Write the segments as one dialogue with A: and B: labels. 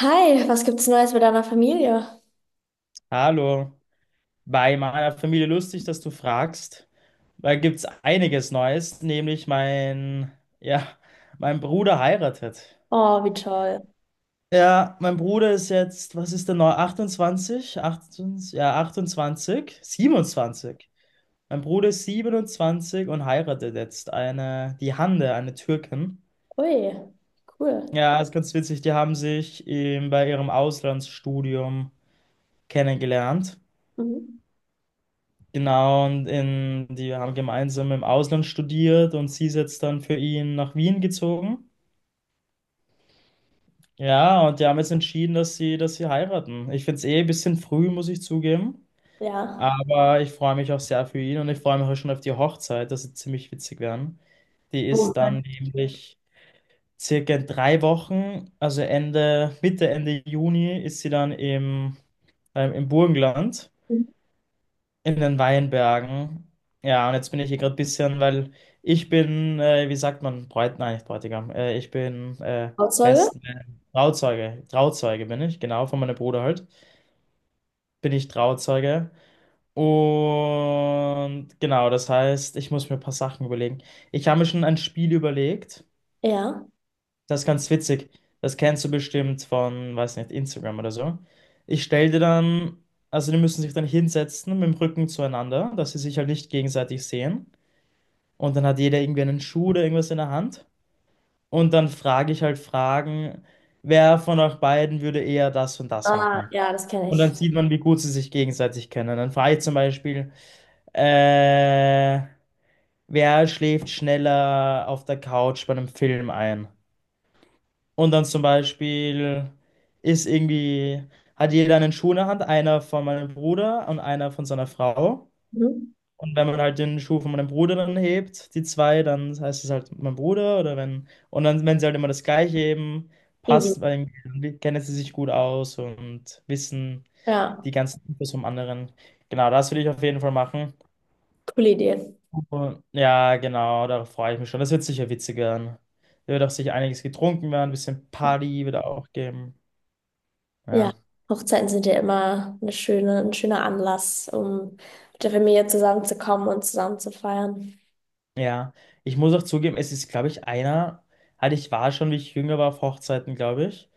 A: Hi, was gibt's Neues mit deiner Familie?
B: Hallo, bei meiner Familie lustig, dass du fragst. Da gibt's einiges Neues, nämlich ja, mein Bruder heiratet.
A: Oh, wie toll.
B: Ja, mein Bruder ist jetzt, was ist denn neu? 28? 28? Ja, 28? 27. Mein Bruder ist 27 und heiratet jetzt eine, die Hande, eine Türkin.
A: Ui, cool.
B: Ja, ist ganz witzig. Die haben sich bei ihrem Auslandsstudium kennengelernt.
A: Mhm.
B: Genau, und die haben gemeinsam im Ausland studiert, und sie ist jetzt dann für ihn nach Wien gezogen. Ja, und die haben jetzt entschieden, dass sie heiraten. Ich finde es eh ein bisschen früh, muss ich zugeben.
A: Ja.
B: Aber ich freue mich auch sehr für ihn, und ich freue mich auch schon auf die Hochzeit. Das wird ziemlich witzig werden. Die
A: Wo-
B: ist dann nämlich circa in 3 Wochen, also Ende, Mitte, Ende Juni, ist sie dann im Burgenland,
A: Mhm.
B: in den Weinbergen. Ja, und jetzt bin ich hier gerade ein bisschen, weil ich bin, wie sagt man, Bräut, nein, nicht Bräutigam, ich bin
A: Trauzeuge?
B: Best, äh, Trauzeuge, Trauzeuge bin ich, genau, von meinem Bruder halt, bin ich Trauzeuge. Und genau, das heißt, ich muss mir ein paar Sachen überlegen. Ich habe mir schon ein Spiel überlegt,
A: Ja.
B: das ist ganz witzig, das kennst du bestimmt von, weiß nicht, Instagram oder so. Ich stelle dir dann, also die müssen sich dann hinsetzen mit dem Rücken zueinander, dass sie sich halt nicht gegenseitig sehen. Und dann hat jeder irgendwie einen Schuh oder irgendwas in der Hand. Und dann frage ich halt Fragen, wer von euch beiden würde eher das und das
A: Ah,
B: machen?
A: ja, das kenne
B: Und dann
A: ich.
B: sieht man, wie gut sie sich gegenseitig kennen. Dann frage ich zum Beispiel, äh, wer schläft schneller auf der Couch bei einem Film ein? Und dann zum Beispiel ist irgendwie, hat jeder einen Schuh in der Hand, einer von meinem Bruder und einer von seiner Frau.
A: Mhm.
B: Und wenn man halt den Schuh von meinem Bruder dann hebt, die zwei, dann heißt es halt mein Bruder, oder wenn, und dann, wenn sie halt immer das Gleiche heben,
A: Easy.
B: passt, weil dann kennen sie sich gut aus und wissen
A: Ja,
B: die ganzen Infos vom anderen. Genau, das würde ich auf jeden Fall machen.
A: coole Idee.
B: Und ja, genau, darauf freue ich mich schon. Das wird sicher witzig werden. Da wird auch sicher einiges getrunken werden, ein bisschen Party wird auch geben.
A: Ja,
B: Ja,
A: Hochzeiten sind ja immer ein schöner Anlass, um mit der Familie zusammenzukommen und zusammen zu feiern.
B: ja. Ich muss auch zugeben, es ist, glaube ich, einer, halt ich war schon, wie ich jünger war, auf Hochzeiten, glaube ich.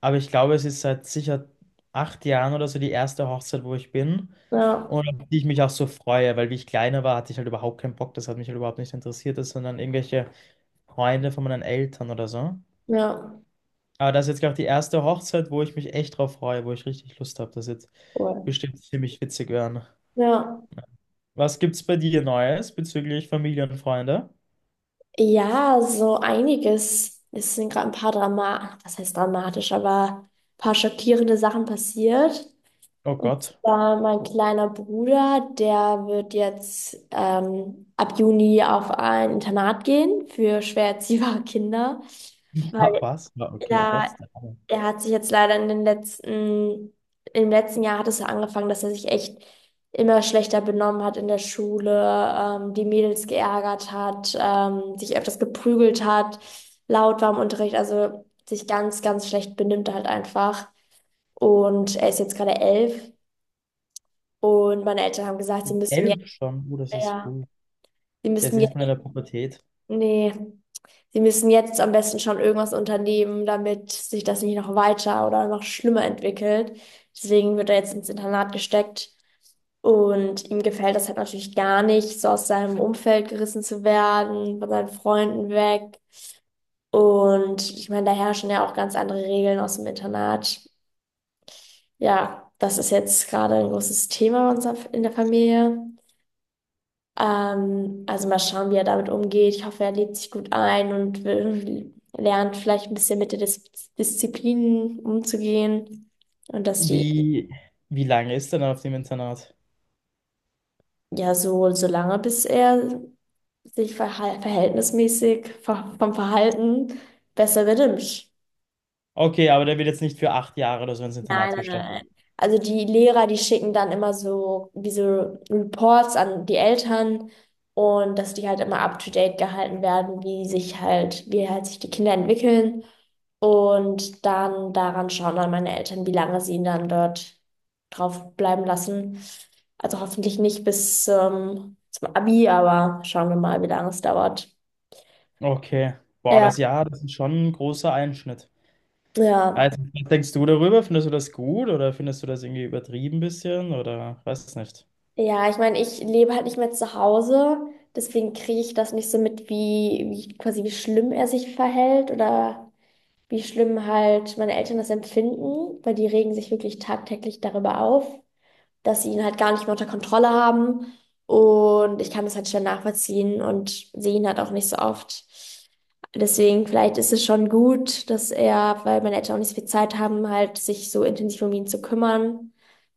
B: Aber ich glaube, es ist seit sicher 8 Jahren oder so die erste Hochzeit, wo ich bin
A: Ja,
B: und auf die ich mich auch so freue, weil wie ich kleiner war, hatte ich halt überhaupt keinen Bock. Das hat mich halt überhaupt nicht interessiert, das waren dann irgendwelche Freunde von meinen Eltern oder so.
A: ja,
B: Aber das ist jetzt, glaube ich, die erste Hochzeit, wo ich mich echt drauf freue, wo ich richtig Lust habe. Das wird
A: cool.
B: bestimmt ziemlich witzig werden.
A: Ja.
B: Was gibt's bei dir Neues bezüglich Familie und Freunde?
A: Ja, so einiges. Es sind gerade ein paar Drama, was heißt dramatisch, aber ein paar schockierende Sachen passiert.
B: Oh
A: Und
B: Gott.
A: zwar mein kleiner Bruder, der wird jetzt ab Juni auf ein Internat gehen für schwer erziehbare Kinder.
B: Wa-
A: Weil
B: Was? Ja, okay, oh
A: ja,
B: Gott.
A: er hat sich jetzt leider im letzten Jahr hat es ja angefangen, dass er sich echt immer schlechter benommen hat in der Schule, die Mädels geärgert hat, sich öfters geprügelt hat, laut war im Unterricht, also sich ganz, ganz schlecht benimmt halt einfach. Und er ist jetzt gerade 11 und meine Eltern haben gesagt, sie müssen jetzt,
B: 11 schon. Oh, das ist
A: ja,
B: früh.
A: sie
B: Jetzt
A: müssen
B: ist man in
A: jetzt,
B: der Pubertät.
A: nee. Sie müssen jetzt am besten schon irgendwas unternehmen, damit sich das nicht noch weiter oder noch schlimmer entwickelt. Deswegen wird er jetzt ins Internat gesteckt. Und ihm gefällt das halt natürlich gar nicht, so aus seinem Umfeld gerissen zu werden, von seinen Freunden weg. Und ich meine, da herrschen ja auch ganz andere Regeln aus dem Internat. Ja, das ist jetzt gerade ein großes Thema bei uns in der Familie. Also mal schauen, wie er damit umgeht. Ich hoffe, er lebt sich gut ein und lernt vielleicht ein bisschen mit der Disziplin umzugehen. Und dass die
B: Wie, wie lange ist er denn auf dem Internat?
A: ja so lange, bis er sich verhal verhältnismäßig ver vom Verhalten besser benimmt.
B: Okay, aber der wird jetzt nicht für 8 Jahre oder so ins Internat
A: Nein, nein,
B: gestellt.
A: nein. Also die Lehrer, die schicken dann immer so diese Reports an die Eltern und dass die halt immer up to date gehalten werden, wie halt sich die Kinder entwickeln. Und dann daran schauen dann meine Eltern, wie lange sie ihn dann dort drauf bleiben lassen. Also hoffentlich nicht bis zum Abi, aber schauen wir mal, wie lange es dauert.
B: Okay. Boah,
A: Ja,
B: das Jahr, das ist schon ein großer Einschnitt.
A: ja.
B: Also, was denkst du darüber? Findest du das gut oder findest du das irgendwie übertrieben bisschen oder weiß es nicht?
A: Ja, ich meine, ich lebe halt nicht mehr zu Hause, deswegen kriege ich das nicht so mit, wie quasi wie schlimm er sich verhält oder wie schlimm halt meine Eltern das empfinden, weil die regen sich wirklich tagtäglich darüber auf, dass sie ihn halt gar nicht mehr unter Kontrolle haben. Und ich kann das halt schnell nachvollziehen und sehe ihn halt auch nicht so oft. Deswegen, vielleicht ist es schon gut, dass er, weil meine Eltern auch nicht so viel Zeit haben, halt sich so intensiv um ihn zu kümmern.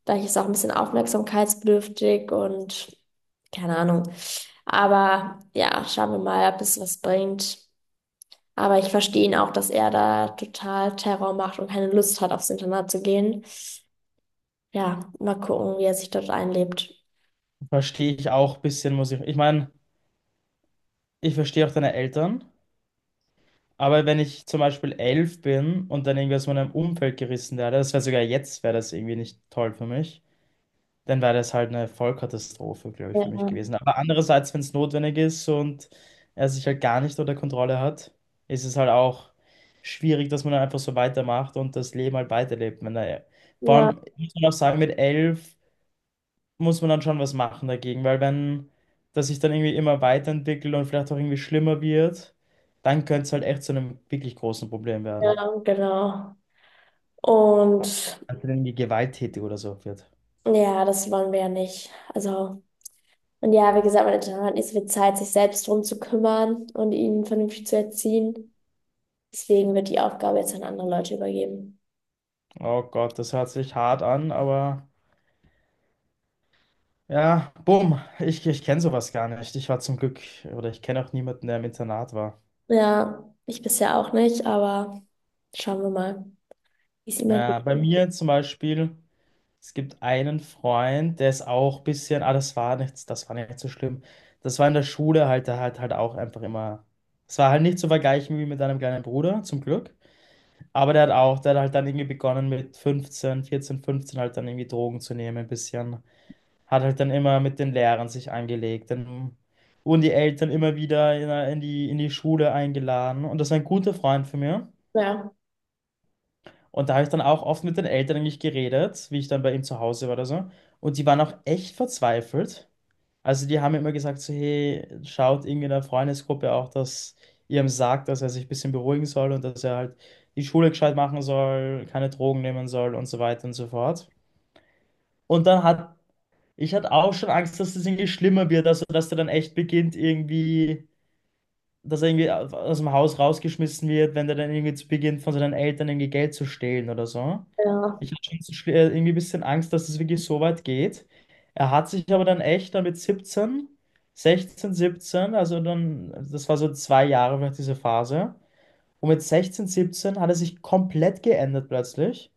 A: Vielleicht ist er auch ein bisschen aufmerksamkeitsbedürftig und keine Ahnung. Aber ja, schauen wir mal, ob es was bringt. Aber ich verstehe ihn auch, dass er da total Terror macht und keine Lust hat, aufs Internat zu gehen. Ja, mal gucken, wie er sich dort einlebt.
B: Verstehe ich auch ein bisschen, muss ich. Ich meine, ich verstehe auch deine Eltern, aber wenn ich zum Beispiel 11 bin und dann irgendwie aus meinem Umfeld gerissen werde, das wäre sogar jetzt, wäre das irgendwie nicht toll für mich. Dann wäre das halt eine Vollkatastrophe, glaube ich, für mich
A: Ja,
B: gewesen. Aber andererseits, wenn es notwendig ist und er sich halt gar nicht unter Kontrolle hat, ist es halt auch schwierig, dass man dann einfach so weitermacht und das Leben halt weiterlebt. Wenn er, vor
A: ja,
B: allem muss man auch sagen, mit 11 muss man dann schon was machen dagegen, weil wenn das sich dann irgendwie immer weiterentwickelt und vielleicht auch irgendwie schlimmer wird, dann könnte es halt echt zu einem wirklich großen Problem werden.
A: ja, genau. Und
B: Wenn es dann irgendwie gewalttätig oder so wird.
A: ja, das wollen wir ja nicht. Also, und ja, wie gesagt, meine Tochter hat nicht so viel Zeit, sich selbst drum zu kümmern und ihn vernünftig zu erziehen. Deswegen wird die Aufgabe jetzt an andere Leute übergeben.
B: Oh Gott, das hört sich hart an, aber. Ja, bumm. Ich kenne sowas gar nicht. Ich war zum Glück, oder ich kenne auch niemanden, der im Internat war.
A: Ja, ich bisher auch nicht, aber schauen wir mal, wie es immer geht.
B: Ja, bei mir zum Beispiel, es gibt einen Freund, der ist auch ein bisschen, ah, das war nichts, das war nicht so schlimm. Das war in der Schule halt, der hat halt auch einfach immer, es war halt nicht zu vergleichen wie mit deinem kleinen Bruder, zum Glück. Aber der hat auch, der hat halt dann irgendwie begonnen mit 15, 14, 15 halt dann irgendwie Drogen zu nehmen, ein bisschen. Hat halt dann immer mit den Lehrern sich angelegt. Dann wurden die Eltern immer wieder in die Schule eingeladen. Und das war ein guter Freund von mir.
A: Ja,
B: Und da habe ich dann auch oft mit den Eltern eigentlich geredet, wie ich dann bei ihm zu Hause war oder so. Und die waren auch echt verzweifelt. Also die haben mir immer gesagt, so, hey, schaut irgendwie in der Freundesgruppe auch, dass ihr ihm sagt, dass er sich ein bisschen beruhigen soll und dass er halt die Schule gescheit machen soll, keine Drogen nehmen soll und so weiter und so fort. Und dann hat Ich hatte auch schon Angst, dass das irgendwie schlimmer wird, also dass der dann echt beginnt, irgendwie, dass er irgendwie aus dem Haus rausgeschmissen wird, wenn der dann irgendwie zu- beginnt, von seinen Eltern irgendwie Geld zu stehlen oder so.
A: ja.
B: Ich hatte schon so irgendwie ein bisschen Angst, dass es wirklich so weit geht. Er hat sich aber dann echt dann mit 17, 16, 17, also dann, das war so 2 Jahre vielleicht diese Phase. Und mit 16, 17 hat er sich komplett geändert plötzlich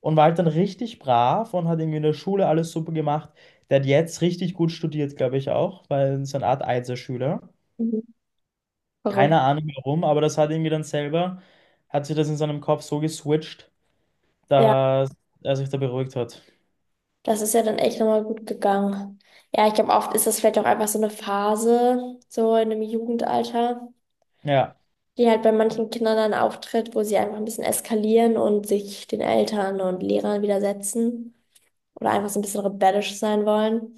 B: und war halt dann richtig brav und hat irgendwie in der Schule alles super gemacht. Der hat jetzt richtig gut studiert, glaube ich auch, weil so eine Art Einserschüler.
A: Mhm. Verrückt.
B: Keine Ahnung warum, aber das hat irgendwie dann selber, hat sich das in seinem Kopf so geswitcht,
A: Ja,
B: dass er sich da beruhigt hat.
A: das ist ja dann echt nochmal gut gegangen. Ja, ich glaube, oft ist das vielleicht auch einfach so eine Phase, so in einem Jugendalter,
B: Ja,
A: die halt bei manchen Kindern dann auftritt, wo sie einfach ein bisschen eskalieren und sich den Eltern und Lehrern widersetzen oder einfach so ein bisschen rebellisch sein wollen.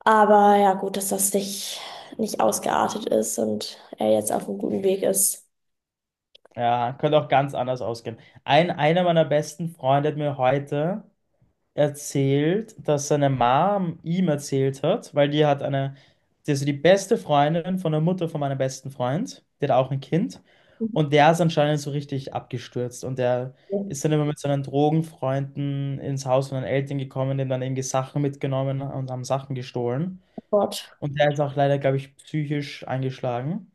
A: Aber ja, gut, dass das nicht ausgeartet ist und er jetzt auf einem guten Weg ist.
B: ja, könnte auch ganz anders ausgehen. Einer meiner besten Freunde hat mir heute erzählt, dass seine Mom ihm erzählt hat, weil die hat eine, die ist so die beste Freundin von der Mutter von meinem besten Freund, der hat auch ein Kind, und der ist anscheinend so richtig abgestürzt, und der
A: Mhm.
B: ist dann immer mit seinen Drogenfreunden ins Haus von den Eltern gekommen, denen dann irgendwie Sachen mitgenommen und haben Sachen gestohlen,
A: Fort.
B: und der ist auch leider, glaube ich, psychisch eingeschlagen,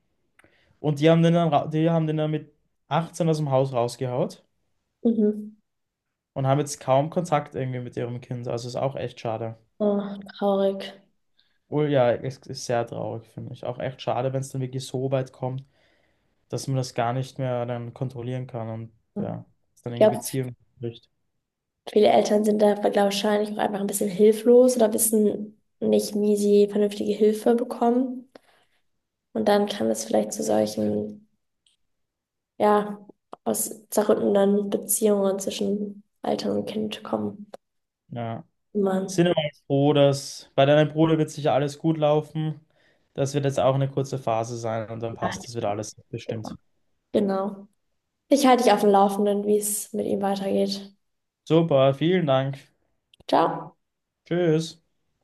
B: und die haben den dann mit 18 aus dem Haus rausgehaut
A: Mhm.
B: und haben jetzt kaum Kontakt irgendwie mit ihrem Kind, also ist auch echt schade.
A: Oh, traurig.
B: Oh ja, es ist sehr traurig, finde ich. Auch echt schade, wenn es dann wirklich so weit kommt, dass man das gar nicht mehr dann kontrollieren kann und ja, es dann
A: Ich
B: in die
A: glaube,
B: Beziehung bricht.
A: viele Eltern sind da wahrscheinlich auch einfach ein bisschen hilflos oder wissen nicht, wie sie vernünftige Hilfe bekommen. Und dann kann es vielleicht zu solchen ja, aus zerrüttenden Beziehungen zwischen Eltern und Kind kommen.
B: Ja.
A: Immer.
B: Sind aber jetzt froh, dass bei deinem Bruder wird sicher alles gut laufen. Das wird jetzt auch eine kurze Phase sein und dann
A: Ja,
B: passt
A: ich-
B: das wieder alles bestimmt.
A: Genau. Ich halte dich auf dem Laufenden, wie es mit ihm weitergeht.
B: Super, vielen Dank.
A: Ciao.
B: Tschüss.